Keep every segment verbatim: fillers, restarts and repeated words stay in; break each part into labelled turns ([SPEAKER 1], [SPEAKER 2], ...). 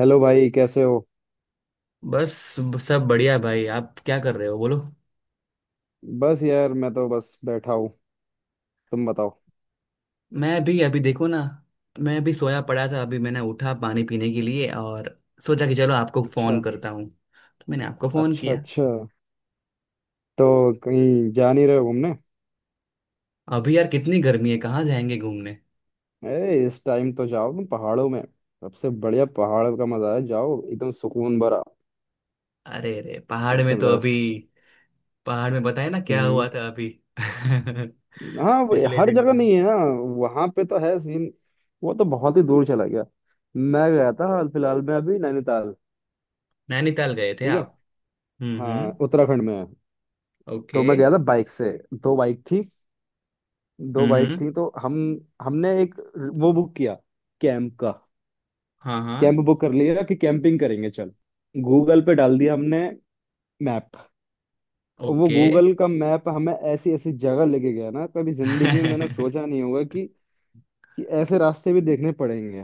[SPEAKER 1] Hello भाई, कैसे हो।
[SPEAKER 2] बस। सब बढ़िया भाई, आप क्या कर रहे हो बोलो।
[SPEAKER 1] बस यार मैं तो बस बैठा हूँ। तुम बताओ।
[SPEAKER 2] मैं भी अभी देखो ना। मैं अभी सोया पड़ा था, अभी मैंने उठा पानी पीने के लिए और सोचा कि चलो आपको
[SPEAKER 1] अच्छा।
[SPEAKER 2] फोन करता हूँ, तो मैंने आपको फोन
[SPEAKER 1] अच्छा
[SPEAKER 2] किया।
[SPEAKER 1] अच्छा। तो कहीं जा नहीं रहे हो घूमने?
[SPEAKER 2] अभी यार कितनी गर्मी है, कहाँ जाएंगे घूमने।
[SPEAKER 1] अरे इस टाइम तो जाओ तुम पहाड़ों में। सबसे बढ़िया पहाड़ का मजा है, जाओ, एकदम सुकून भरा।
[SPEAKER 2] अरे रे पहाड़
[SPEAKER 1] सबसे
[SPEAKER 2] में तो अभी
[SPEAKER 1] बेस्ट।
[SPEAKER 2] पहाड़ में बताया ना क्या
[SPEAKER 1] हम्म।
[SPEAKER 2] हुआ था अभी
[SPEAKER 1] हाँ वो
[SPEAKER 2] पिछले
[SPEAKER 1] हर
[SPEAKER 2] दिनों
[SPEAKER 1] जगह
[SPEAKER 2] में।
[SPEAKER 1] नहीं है ना। वहां पे तो है सीन। वो तो बहुत ही दूर चला गया। मैं गया था हाल फिलहाल में अभी नैनीताल।
[SPEAKER 2] नैनीताल गए थे
[SPEAKER 1] ठीक है।
[SPEAKER 2] आप? हम्म
[SPEAKER 1] हाँ
[SPEAKER 2] हम्म।
[SPEAKER 1] उत्तराखंड में है। तो
[SPEAKER 2] ओके।
[SPEAKER 1] मैं गया था बाइक से। दो बाइक थी। दो
[SPEAKER 2] हम्म
[SPEAKER 1] बाइक
[SPEAKER 2] हम्म।
[SPEAKER 1] थी तो हम। हमने एक वो बुक किया, कैंप का।
[SPEAKER 2] हाँ हाँ।
[SPEAKER 1] कैंप बुक कर लिया कि कैंपिंग करेंगे चल। गूगल पे डाल दिया हमने, मैप। और वो
[SPEAKER 2] ओके।
[SPEAKER 1] गूगल का मैप हमें ऐसी ऐसी जगह लेके गया ना, कभी जिंदगी में मैंने सोचा नहीं होगा कि कि ऐसे रास्ते भी देखने पड़ेंगे।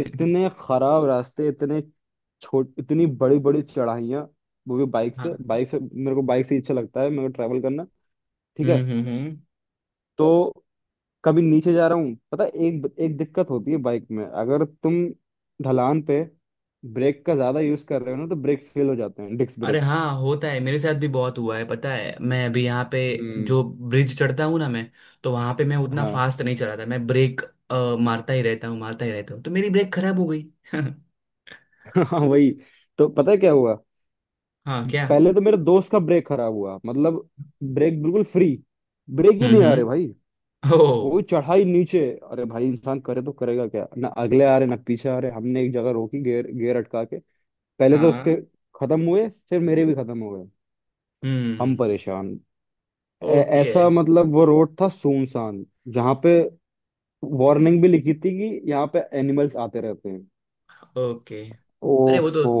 [SPEAKER 1] इतने खराब रास्ते, इतने छोट इतनी बड़ी बड़ी चढ़ाइयाँ। वो भी बाइक से
[SPEAKER 2] हाँ।
[SPEAKER 1] बाइक से, मेरे को बाइक से ही अच्छा लगता है, मेरे को ट्रैवल करना। ठीक है।
[SPEAKER 2] हम्म हम्म हम्म।
[SPEAKER 1] तो कभी नीचे जा रहा हूँ, पता है, एक एक दिक्कत होती है बाइक में अगर तुम ढलान पे ब्रेक का ज्यादा यूज कर रहे हो ना तो ब्रेक्स फेल हो जाते हैं, डिस्क
[SPEAKER 2] अरे
[SPEAKER 1] ब्रेक।
[SPEAKER 2] हाँ होता है, मेरे साथ भी बहुत हुआ है। पता है, मैं अभी यहाँ पे
[SPEAKER 1] हम्म।
[SPEAKER 2] जो ब्रिज चढ़ता हूँ ना मैं, तो वहां पे मैं उतना
[SPEAKER 1] हाँ।
[SPEAKER 2] फास्ट नहीं चलाता। मैं ब्रेक अ, मारता ही रहता हूँ, मारता ही रहता हूँ, तो मेरी ब्रेक खराब हो गई।
[SPEAKER 1] हाँ वही। तो पता है क्या हुआ?
[SPEAKER 2] हाँ क्या।
[SPEAKER 1] पहले तो मेरे दोस्त का ब्रेक खराब हुआ, मतलब ब्रेक बिल्कुल फ्री। ब्रेक ही
[SPEAKER 2] हम्म
[SPEAKER 1] नहीं आ रहे भाई।
[SPEAKER 2] हम्म। ओ।
[SPEAKER 1] वो चढ़ाई नीचे। अरे भाई इंसान करे तो करेगा क्या ना, अगले आ रहे ना, पीछे आ रहे, हमने एक जगह रोकी, गियर गियर अटका के। पहले तो उसके
[SPEAKER 2] हाँ।
[SPEAKER 1] खत्म हुए, फिर मेरे भी खत्म हो गए। हम
[SPEAKER 2] हम्म।
[SPEAKER 1] परेशान। ऐ-
[SPEAKER 2] ओके।
[SPEAKER 1] ऐसा मतलब, वो रोड था सुनसान, जहाँ पे वार्निंग भी लिखी थी कि यहाँ पे एनिमल्स आते रहते हैं।
[SPEAKER 2] ओके। अरे वो तो
[SPEAKER 1] ओफो,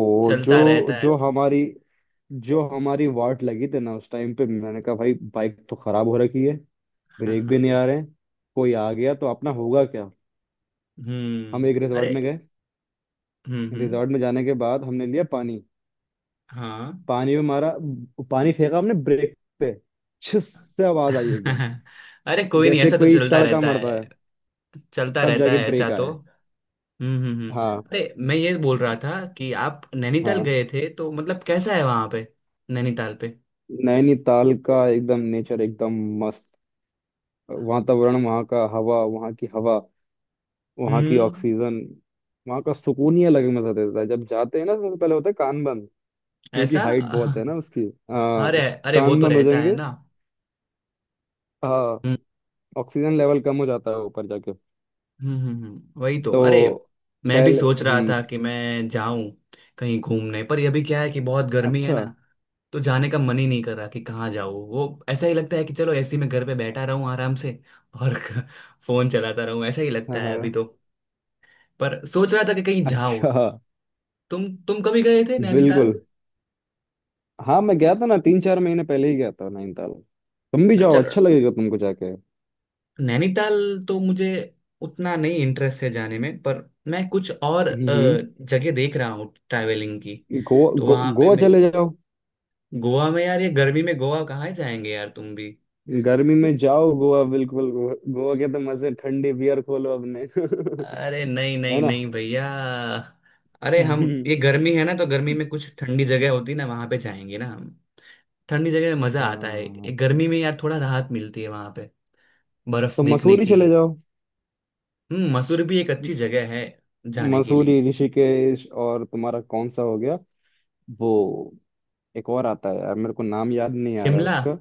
[SPEAKER 1] जो
[SPEAKER 2] चलता रहता है
[SPEAKER 1] जो हमारी जो हमारी वाट लगी थी ना उस टाइम पे, मैंने कहा भाई बाइक तो खराब हो रखी है,
[SPEAKER 2] हाँ
[SPEAKER 1] ब्रेक
[SPEAKER 2] हाँ
[SPEAKER 1] भी नहीं आ
[SPEAKER 2] हाँ।
[SPEAKER 1] रहे हैं, कोई आ गया तो अपना होगा क्या। हम
[SPEAKER 2] हम्म।
[SPEAKER 1] एक रिजॉर्ट
[SPEAKER 2] अरे।
[SPEAKER 1] में गए।
[SPEAKER 2] हम्म हम्म।
[SPEAKER 1] रिजॉर्ट में जाने के बाद हमने लिया पानी।
[SPEAKER 2] हाँ।
[SPEAKER 1] पानी में मारा, पानी फेंका हमने ब्रेक पे। छिस से आवाज आई एकदम,
[SPEAKER 2] अरे कोई नहीं,
[SPEAKER 1] जैसे
[SPEAKER 2] ऐसा तो
[SPEAKER 1] कोई
[SPEAKER 2] चलता
[SPEAKER 1] तड़का
[SPEAKER 2] रहता
[SPEAKER 1] मरता है।
[SPEAKER 2] है, चलता
[SPEAKER 1] तब
[SPEAKER 2] रहता
[SPEAKER 1] जाके
[SPEAKER 2] है ऐसा
[SPEAKER 1] ब्रेक
[SPEAKER 2] तो।
[SPEAKER 1] आया।
[SPEAKER 2] हम्म हम्म हम्म।
[SPEAKER 1] हाँ।
[SPEAKER 2] अरे मैं ये बोल रहा था कि आप नैनीताल
[SPEAKER 1] हाँ।
[SPEAKER 2] गए थे, तो मतलब कैसा है वहां पे, नैनीताल पे?
[SPEAKER 1] नैनीताल का एकदम नेचर, एकदम मस्त। वातावरण वहाँ का, हवा वहाँ की, हवा वहाँ की
[SPEAKER 2] हम्म।
[SPEAKER 1] ऑक्सीजन, वहाँ का सुकून ही अलग मजा देता है। जब जाते हैं ना सबसे पहले होता है कान बंद, क्योंकि
[SPEAKER 2] ऐसा
[SPEAKER 1] हाइट बहुत है ना उसकी। आ,
[SPEAKER 2] अरे, अरे वो
[SPEAKER 1] कान
[SPEAKER 2] तो
[SPEAKER 1] बंद हो
[SPEAKER 2] रहता है
[SPEAKER 1] जाएंगे।
[SPEAKER 2] ना।
[SPEAKER 1] हाँ।
[SPEAKER 2] हम्म
[SPEAKER 1] ऑक्सीजन लेवल कम हो जाता है ऊपर जाके हम्म,
[SPEAKER 2] हम्म हम्म, हम्म, वही तो अरे।
[SPEAKER 1] तो
[SPEAKER 2] मैं भी
[SPEAKER 1] पहले।
[SPEAKER 2] सोच रहा
[SPEAKER 1] हम्म।
[SPEAKER 2] था कि मैं जाऊं कहीं घूमने, पर अभी क्या है कि बहुत गर्मी है
[SPEAKER 1] अच्छा।
[SPEAKER 2] ना, तो जाने का मन ही नहीं कर रहा कि कहाँ जाऊँ। वो ऐसा ही लगता है कि चलो ऐसे ही मैं घर पे बैठा रहूँ आराम से, और फोन चलाता रहूँ। ऐसा ही
[SPEAKER 1] हाँ।
[SPEAKER 2] लगता है अभी
[SPEAKER 1] हाँ।
[SPEAKER 2] तो। पर सोच रहा था कि कहीं जाऊँ।
[SPEAKER 1] अच्छा।
[SPEAKER 2] तुम तुम कभी गए थे नैनीताल?
[SPEAKER 1] बिल्कुल। हाँ मैं गया था ना तीन चार महीने पहले ही, गया था नैनीताल। तुम भी
[SPEAKER 2] अच्छा।
[SPEAKER 1] जाओ, अच्छा लगेगा तुमको जाके।
[SPEAKER 2] नैनीताल तो मुझे उतना नहीं इंटरेस्ट है जाने में, पर मैं कुछ और अ,
[SPEAKER 1] हम्म। हम्म।
[SPEAKER 2] जगह देख रहा हूँ ट्रैवलिंग की।
[SPEAKER 1] गोवा,
[SPEAKER 2] तो
[SPEAKER 1] गो,
[SPEAKER 2] वहां पे
[SPEAKER 1] गोवा
[SPEAKER 2] मैं
[SPEAKER 1] चले जाओ।
[SPEAKER 2] गोवा में, यार ये गर्मी में गोवा कहाँ जाएंगे यार तुम भी।
[SPEAKER 1] गर्मी में जाओ गोवा, बिल्कुल, गोवा, गोवा के तो मजे, ठंडी बियर खोलो अपने।
[SPEAKER 2] अरे नहीं
[SPEAKER 1] है
[SPEAKER 2] नहीं
[SPEAKER 1] ना।
[SPEAKER 2] नहीं भैया। अरे हम ये गर्मी है ना तो गर्मी में कुछ ठंडी जगह होती ना वहां पे जाएंगे ना हम। ठंडी जगह में मजा आता है, ये
[SPEAKER 1] हाँ।
[SPEAKER 2] गर्मी में यार थोड़ा राहत मिलती है वहां पे बर्फ
[SPEAKER 1] तो
[SPEAKER 2] देखने
[SPEAKER 1] मसूरी
[SPEAKER 2] की।
[SPEAKER 1] चले जाओ।
[SPEAKER 2] हम्म, मसूरी भी एक अच्छी जगह है जाने के
[SPEAKER 1] मसूरी,
[SPEAKER 2] लिए।
[SPEAKER 1] ऋषिकेश, और तुम्हारा कौन सा हो गया वो, एक और आता है यार, मेरे को नाम याद नहीं आ रहा है
[SPEAKER 2] शिमला,
[SPEAKER 1] उसका।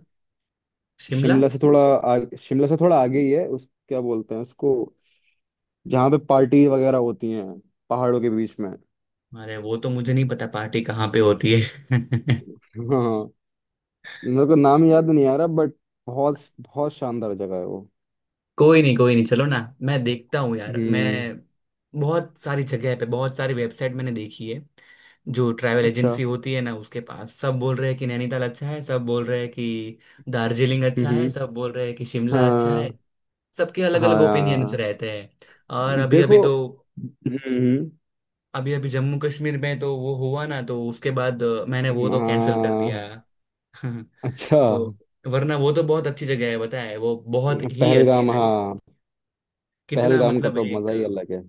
[SPEAKER 2] शिमला।
[SPEAKER 1] शिमला से थोड़ा आगे शिमला से थोड़ा आगे ही है उस, क्या बोलते हैं उसको, जहाँ पे पार्टी वगैरह होती हैं पहाड़ों के बीच में।
[SPEAKER 2] अरे वो तो मुझे नहीं पता पार्टी कहाँ पे होती है
[SPEAKER 1] हाँ। मेरे को नाम याद नहीं आ रहा बट बहुत बहुत शानदार जगह है वो।
[SPEAKER 2] कोई नहीं कोई नहीं, चलो ना। मैं देखता हूँ यार। मैं
[SPEAKER 1] हम्म।
[SPEAKER 2] बहुत सारी जगह पे, बहुत सारी वेबसाइट मैंने देखी है। जो ट्रैवल
[SPEAKER 1] अच्छा।
[SPEAKER 2] एजेंसी होती है ना उसके पास, सब बोल रहे हैं कि नैनीताल अच्छा है, सब बोल रहे हैं कि दार्जिलिंग अच्छा है,
[SPEAKER 1] हम्म।
[SPEAKER 2] सब बोल रहे हैं कि शिमला अच्छा है।
[SPEAKER 1] हाँ।
[SPEAKER 2] सबके अलग
[SPEAKER 1] हाँ
[SPEAKER 2] अलग ओपिनियंस
[SPEAKER 1] यार।
[SPEAKER 2] रहते हैं। और अभी अभी
[SPEAKER 1] देखो।
[SPEAKER 2] तो,
[SPEAKER 1] हम्म।
[SPEAKER 2] अभी अभी जम्मू कश्मीर में तो वो हुआ ना, तो उसके बाद अ, मैंने वो तो कैंसिल कर दिया
[SPEAKER 1] हाँ। अच्छा।
[SPEAKER 2] तो वरना वो तो बहुत अच्छी जगह है बताए, वो बहुत ही अच्छी
[SPEAKER 1] पहलगाम,
[SPEAKER 2] जगह है।
[SPEAKER 1] हाँ।
[SPEAKER 2] कितना
[SPEAKER 1] पहलगाम का
[SPEAKER 2] मतलब
[SPEAKER 1] तो मजा
[SPEAKER 2] एक,
[SPEAKER 1] ही अलग है।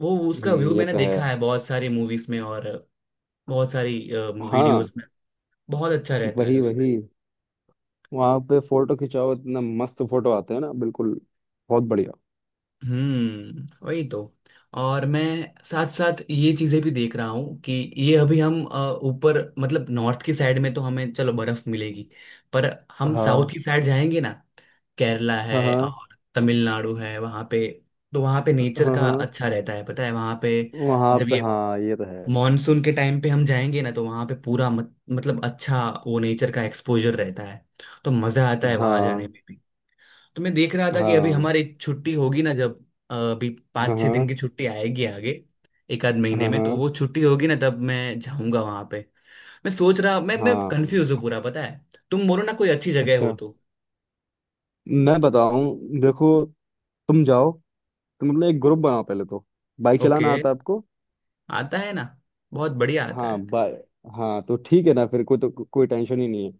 [SPEAKER 2] वो उसका
[SPEAKER 1] हम्म,
[SPEAKER 2] व्यू
[SPEAKER 1] ये
[SPEAKER 2] मैंने
[SPEAKER 1] तो है।
[SPEAKER 2] देखा है बहुत सारी मूवीज में और बहुत सारी
[SPEAKER 1] हाँ,
[SPEAKER 2] वीडियोस में। बहुत अच्छा रहता है
[SPEAKER 1] वही
[SPEAKER 2] उसमें।
[SPEAKER 1] वही। वहां पे फोटो खिंचाओ, इतना मस्त फोटो आते हैं ना, बिल्कुल बहुत बढ़िया।
[SPEAKER 2] हम्म वही तो। और मैं साथ साथ ये चीजें भी देख रहा हूँ कि ये अभी हम अ, ऊपर, मतलब नॉर्थ की साइड में तो हमें चलो बर्फ मिलेगी, पर हम साउथ
[SPEAKER 1] हाँ।
[SPEAKER 2] की साइड जाएंगे ना। केरला
[SPEAKER 1] हाँ।
[SPEAKER 2] है
[SPEAKER 1] हाँ।
[SPEAKER 2] और तमिलनाडु है वहाँ पे। तो वहाँ पे नेचर
[SPEAKER 1] हाँ।
[SPEAKER 2] का
[SPEAKER 1] हाँ।
[SPEAKER 2] अच्छा रहता है पता है वहाँ पे।
[SPEAKER 1] वहां
[SPEAKER 2] जब
[SPEAKER 1] पे
[SPEAKER 2] ये
[SPEAKER 1] हाँ, ये तो है।
[SPEAKER 2] मॉनसून के टाइम पे हम जाएंगे ना तो वहां पे पूरा मत, मतलब अच्छा वो नेचर का एक्सपोजर रहता है। तो मजा आता है वहां जाने
[SPEAKER 1] हाँ।
[SPEAKER 2] में भी। तो मैं देख रहा था कि अभी
[SPEAKER 1] हाँ।
[SPEAKER 2] हमारी छुट्टी होगी ना जब, अ, अभी
[SPEAKER 1] हाँ।
[SPEAKER 2] पाँच छः दिन की
[SPEAKER 1] हाँ।
[SPEAKER 2] छुट्टी आएगी आगे, एक आध महीने
[SPEAKER 1] हाँ।
[SPEAKER 2] में।
[SPEAKER 1] हाँ।
[SPEAKER 2] तो वो छुट्टी होगी ना तब मैं जाऊंगा वहां पे। मैं सोच रहा, मैं मैं कंफ्यूज हूँ
[SPEAKER 1] हाँ।
[SPEAKER 2] पूरा पता है। तुम बोलो ना कोई अच्छी जगह हो
[SPEAKER 1] अच्छा।
[SPEAKER 2] तो।
[SPEAKER 1] मैं बताऊं, देखो, तुम जाओ, तुम अपना एक ग्रुप बनाओ पहले तो। Bike
[SPEAKER 2] okay.
[SPEAKER 1] चलाना आता है आपको?
[SPEAKER 2] आता है ना, बहुत बढ़िया आता
[SPEAKER 1] हाँ
[SPEAKER 2] है।
[SPEAKER 1] बाय। हाँ तो ठीक है ना, फिर कोई तो को, कोई टेंशन ही नहीं है।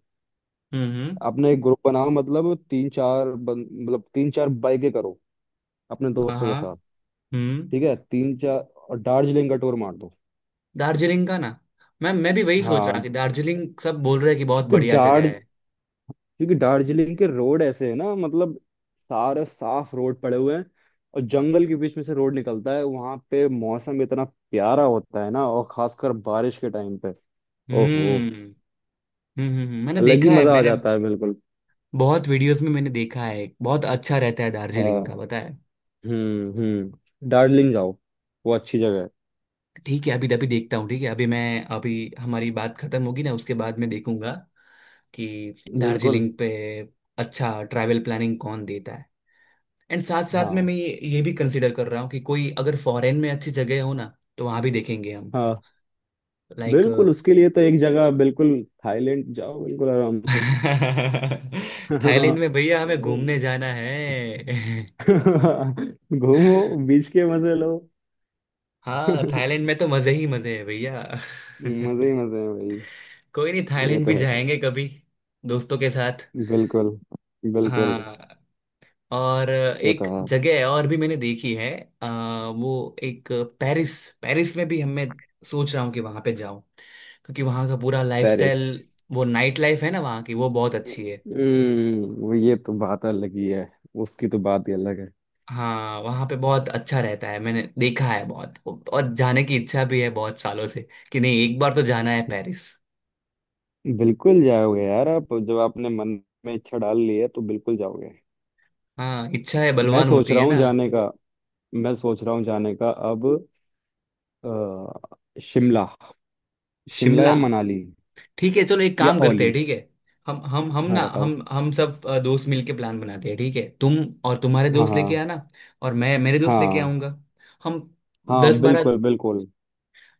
[SPEAKER 2] हम्म हम्म।
[SPEAKER 1] अपना एक ग्रुप बनाओ, मतलब तीन चार बन, मतलब तीन चार बाइकें करो अपने
[SPEAKER 2] हाँ
[SPEAKER 1] दोस्तों के
[SPEAKER 2] हाँ।
[SPEAKER 1] साथ।
[SPEAKER 2] हम्म।
[SPEAKER 1] ठीक है तीन चार। और दार्जिलिंग का टूर मार दो।
[SPEAKER 2] दार्जिलिंग का ना। मैम मैं भी वही सोच रहा
[SPEAKER 1] हाँ।
[SPEAKER 2] कि दार्जिलिंग, सब बोल रहे हैं कि बहुत
[SPEAKER 1] क्योंकि
[SPEAKER 2] बढ़िया जगह
[SPEAKER 1] दार्ज
[SPEAKER 2] है।
[SPEAKER 1] क्योंकि दार्जिलिंग के रोड ऐसे है ना, मतलब सारे साफ रोड पड़े हुए हैं, और जंगल के बीच में से रोड निकलता है। वहां पे मौसम इतना प्यारा होता है ना, और खासकर बारिश के टाइम पे, ओहो,
[SPEAKER 2] हम्म हम्म हम्म हम्म, मैंने
[SPEAKER 1] अलग ही
[SPEAKER 2] देखा है।
[SPEAKER 1] मजा आ
[SPEAKER 2] मैंने
[SPEAKER 1] जाता है बिल्कुल।
[SPEAKER 2] बहुत वीडियोस में मैंने देखा है, बहुत अच्छा रहता है दार्जिलिंग का
[SPEAKER 1] हाँ।
[SPEAKER 2] पता है।
[SPEAKER 1] हम्म हम्म, दार्जिलिंग जाओ, वो अच्छी जगह
[SPEAKER 2] ठीक है अभी, अभी देखता हूँ ठीक है। अभी मैं, अभी हमारी बात खत्म होगी ना उसके बाद मैं देखूंगा कि
[SPEAKER 1] है बिल्कुल।
[SPEAKER 2] दार्जिलिंग पे अच्छा ट्रैवल प्लानिंग कौन देता है। एंड साथ साथ में
[SPEAKER 1] हाँ।
[SPEAKER 2] मैं ये ये भी कंसिडर कर रहा हूँ कि कोई अगर फॉरेन में अच्छी जगह हो ना तो वहां भी देखेंगे हम।
[SPEAKER 1] हाँ
[SPEAKER 2] लाइक।
[SPEAKER 1] बिल्कुल, उसके लिए तो एक जगह, बिल्कुल थाईलैंड जाओ बिल्कुल आराम से।
[SPEAKER 2] थाईलैंड में भैया हमें घूमने जाना है।
[SPEAKER 1] घूमो, बीच के मजे लो।
[SPEAKER 2] हाँ थाईलैंड में तो मजे ही मजे हैं भैया।
[SPEAKER 1] मजे ही मजे हैं भाई।
[SPEAKER 2] कोई नहीं,
[SPEAKER 1] ये
[SPEAKER 2] थाईलैंड
[SPEAKER 1] तो
[SPEAKER 2] भी
[SPEAKER 1] है।
[SPEAKER 2] जाएंगे कभी दोस्तों के साथ।
[SPEAKER 1] बिल्कुल। बिल्कुल।
[SPEAKER 2] हाँ। और
[SPEAKER 1] ये तो
[SPEAKER 2] एक
[SPEAKER 1] है।
[SPEAKER 2] जगह है और भी मैंने देखी है, आ, वो एक पेरिस, पेरिस में भी हमें सोच रहा हूँ कि वहां पे जाऊं, क्योंकि वहां का पूरा
[SPEAKER 1] पेरिस।
[SPEAKER 2] लाइफस्टाइल, वो नाइट लाइफ है ना वहां की, वो बहुत अच्छी है।
[SPEAKER 1] हम्म, वो ये तो बात अलग ही है, उसकी तो बात ही अलग है।
[SPEAKER 2] हाँ वहाँ पे बहुत अच्छा रहता है, मैंने देखा है बहुत, और जाने की इच्छा भी है बहुत सालों से कि नहीं एक बार तो जाना है पेरिस।
[SPEAKER 1] बिल्कुल जाओगे यार आप, जब आपने मन में इच्छा डाल ली है तो बिल्कुल जाओगे।
[SPEAKER 2] हाँ इच्छा है
[SPEAKER 1] मैं
[SPEAKER 2] बलवान
[SPEAKER 1] सोच
[SPEAKER 2] होती
[SPEAKER 1] रहा
[SPEAKER 2] है
[SPEAKER 1] हूँ
[SPEAKER 2] ना।
[SPEAKER 1] जाने का। मैं सोच रहा हूँ जाने का अब। अ, शिमला, शिमला या
[SPEAKER 2] शिमला।
[SPEAKER 1] मनाली,
[SPEAKER 2] ठीक है चलो एक
[SPEAKER 1] या
[SPEAKER 2] काम करते
[SPEAKER 1] ओली।
[SPEAKER 2] हैं ठीक है। हम हम हम
[SPEAKER 1] हाँ
[SPEAKER 2] ना,
[SPEAKER 1] बताओ।
[SPEAKER 2] हम हम सब अ, दोस्त मिलके प्लान बनाते हैं ठीक है। तुम और तुम्हारे
[SPEAKER 1] हाँ।
[SPEAKER 2] दोस्त लेके
[SPEAKER 1] हाँ।
[SPEAKER 2] आना, और मैं मेरे दोस्त लेके
[SPEAKER 1] हाँ।
[SPEAKER 2] आऊंगा। हम
[SPEAKER 1] हाँ।
[SPEAKER 2] दस बारह,
[SPEAKER 1] बिल्कुल। बिल्कुल।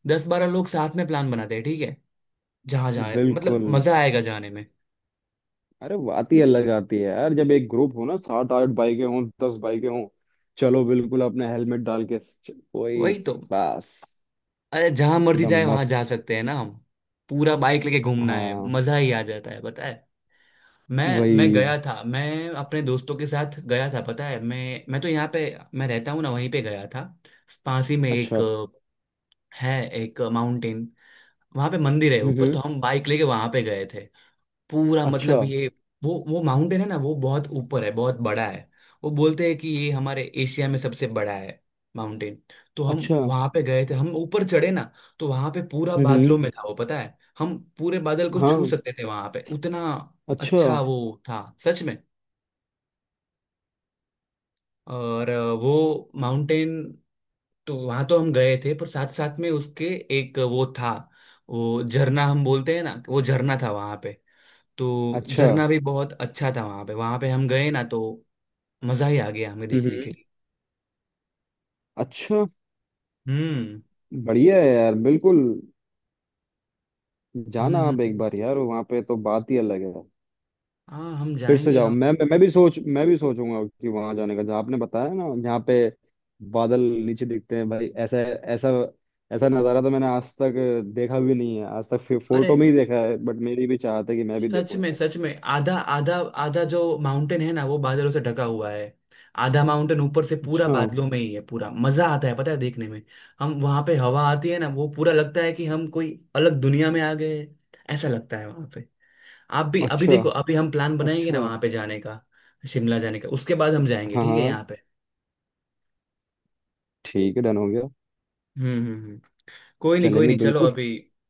[SPEAKER 2] दस बारह लोग साथ में प्लान बनाते हैं ठीक है। जहाँ जहाँ मतलब
[SPEAKER 1] बिल्कुल।
[SPEAKER 2] मजा आएगा जाने में।
[SPEAKER 1] अरे बात ही अलग आती है यार, जब एक ग्रुप हो ना, सात आठ बाइकें हों, दस बाइकें हों, चलो बिल्कुल अपने हेलमेट डाल के च- कोई,
[SPEAKER 2] वही तो,
[SPEAKER 1] बस
[SPEAKER 2] अरे जहां मर्जी
[SPEAKER 1] एकदम
[SPEAKER 2] जाए वहां
[SPEAKER 1] मस्त।
[SPEAKER 2] जा सकते हैं ना हम। पूरा बाइक लेके घूमना है,
[SPEAKER 1] हाँ
[SPEAKER 2] मजा ही आ जाता है पता है। मैं मैं गया
[SPEAKER 1] वही।
[SPEAKER 2] था, मैं अपने दोस्तों के साथ गया था पता है। मैं मैं तो यहाँ पे मैं रहता हूँ ना वहीं पे गया था, पास ही में। एक
[SPEAKER 1] अच्छा।
[SPEAKER 2] अ, है, एक माउंटेन, वहां पे मंदिर है
[SPEAKER 1] हम्म।
[SPEAKER 2] ऊपर।
[SPEAKER 1] हम्म,
[SPEAKER 2] तो हम बाइक लेके वहां पे गए थे। पूरा
[SPEAKER 1] अच्छा।
[SPEAKER 2] मतलब ये वो वो माउंटेन है ना वो बहुत ऊपर है, बहुत बड़ा है। वो बोलते हैं कि ये हमारे एशिया में सबसे बड़ा है माउंटेन। तो हम
[SPEAKER 1] अच्छा।
[SPEAKER 2] वहां पे गए थे, हम ऊपर चढ़े ना, तो वहां पे पूरा
[SPEAKER 1] हम्म। हम्म,
[SPEAKER 2] बादलों में था वो पता है। हम पूरे बादल को छू
[SPEAKER 1] हाँ।
[SPEAKER 2] सकते थे वहां पे, उतना
[SPEAKER 1] अच्छा।
[SPEAKER 2] अच्छा वो था सच में। और अ, वो माउंटेन, तो वहां तो हम गए थे, पर साथ साथ में उसके एक वो था, वो झरना हम बोलते हैं ना, वो झरना था वहां पे। तो
[SPEAKER 1] अच्छा।
[SPEAKER 2] झरना भी बहुत अच्छा था वहां पे, वहां पे हम गए ना तो मजा ही आ गया हमें
[SPEAKER 1] हम्म।
[SPEAKER 2] देखने के
[SPEAKER 1] हम्म,
[SPEAKER 2] लिए।
[SPEAKER 1] अच्छा।
[SPEAKER 2] हम्म
[SPEAKER 1] बढ़िया है यार बिल्कुल,
[SPEAKER 2] हम्म
[SPEAKER 1] जाना
[SPEAKER 2] हम्म,
[SPEAKER 1] आप एक
[SPEAKER 2] हम्म।
[SPEAKER 1] बार यार, वहाँ पे तो बात ही अलग है।
[SPEAKER 2] हाँ हम
[SPEAKER 1] फिर से
[SPEAKER 2] जाएंगे
[SPEAKER 1] जाओ,
[SPEAKER 2] हम।
[SPEAKER 1] मैं मैं मैं भी सोच मैं भी सोचूंगा कि वहां जाने का, जहाँ आपने बताया ना, जहाँ पे बादल नीचे दिखते हैं भाई। ऐसा ऐसा ऐसा नज़ारा तो मैंने आज तक देखा भी नहीं है, आज तक फि-
[SPEAKER 2] अरे
[SPEAKER 1] फोटो में ही देखा है, बट मेरी भी चाहत है कि मैं भी
[SPEAKER 2] सच
[SPEAKER 1] देखूं
[SPEAKER 2] में
[SPEAKER 1] इधर।
[SPEAKER 2] सच में, आधा आधा, आधा जो माउंटेन है ना वो बादलों से ढका हुआ है, आधा माउंटेन ऊपर से पूरा
[SPEAKER 1] अच्छा।
[SPEAKER 2] बादलों में ही है। पूरा मजा आता है पता है देखने में। हम वहां पे हवा आती है ना, वो पूरा लगता है कि हम कोई अलग दुनिया में आ गए हैं। ऐसा लगता है वहां पे। आप भी अभी
[SPEAKER 1] अच्छा।
[SPEAKER 2] देखो, अभी हम प्लान बनाएंगे
[SPEAKER 1] अच्छा।
[SPEAKER 2] ना वहां पे जाने का, शिमला जाने का, उसके बाद हम जाएंगे
[SPEAKER 1] हाँ।
[SPEAKER 2] ठीक है
[SPEAKER 1] हाँ।
[SPEAKER 2] यहाँ पे।
[SPEAKER 1] ठीक है, डन हो गया।
[SPEAKER 2] हम्म हम्म हम्म। कोई नहीं कोई
[SPEAKER 1] चलेंगे
[SPEAKER 2] नहीं चलो
[SPEAKER 1] बिल्कुल।
[SPEAKER 2] अभी,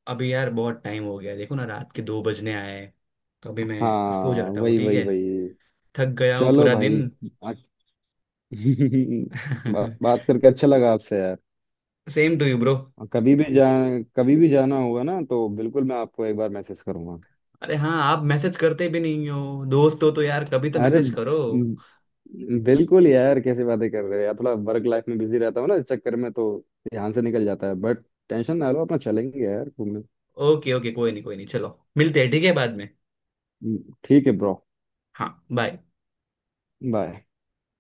[SPEAKER 2] अभी यार बहुत टाइम हो गया देखो ना, रात के दो बजने आए हैं, तो अभी
[SPEAKER 1] हाँ
[SPEAKER 2] मैं सो जाता हूँ
[SPEAKER 1] वही
[SPEAKER 2] ठीक
[SPEAKER 1] वही
[SPEAKER 2] है।
[SPEAKER 1] वही।
[SPEAKER 2] थक गया हूँ
[SPEAKER 1] चलो
[SPEAKER 2] पूरा
[SPEAKER 1] भाई।
[SPEAKER 2] दिन।
[SPEAKER 1] बात बात करके अच्छा लगा आपसे यार।
[SPEAKER 2] Same to you bro.
[SPEAKER 1] और कभी भी जा कभी भी जाना होगा ना तो बिल्कुल मैं आपको एक बार मैसेज करूंगा।
[SPEAKER 2] अरे हाँ आप मैसेज करते भी नहीं हो, दोस्त हो तो यार कभी तो
[SPEAKER 1] अरे
[SPEAKER 2] मैसेज करो।
[SPEAKER 1] ब- बिल्कुल यार, कैसे बातें कर रहे हो यार, थोड़ा वर्क लाइफ में बिजी रहता हूँ ना, इस चक्कर में तो ध्यान से निकल जाता है, बट टेंशन ना लो अपना, चलेंगे यार घूमने।
[SPEAKER 2] ओके ओके कोई नहीं कोई नहीं चलो मिलते हैं ठीक है बाद में।
[SPEAKER 1] ठीक है ब्रो।
[SPEAKER 2] हाँ बाय।
[SPEAKER 1] बाय।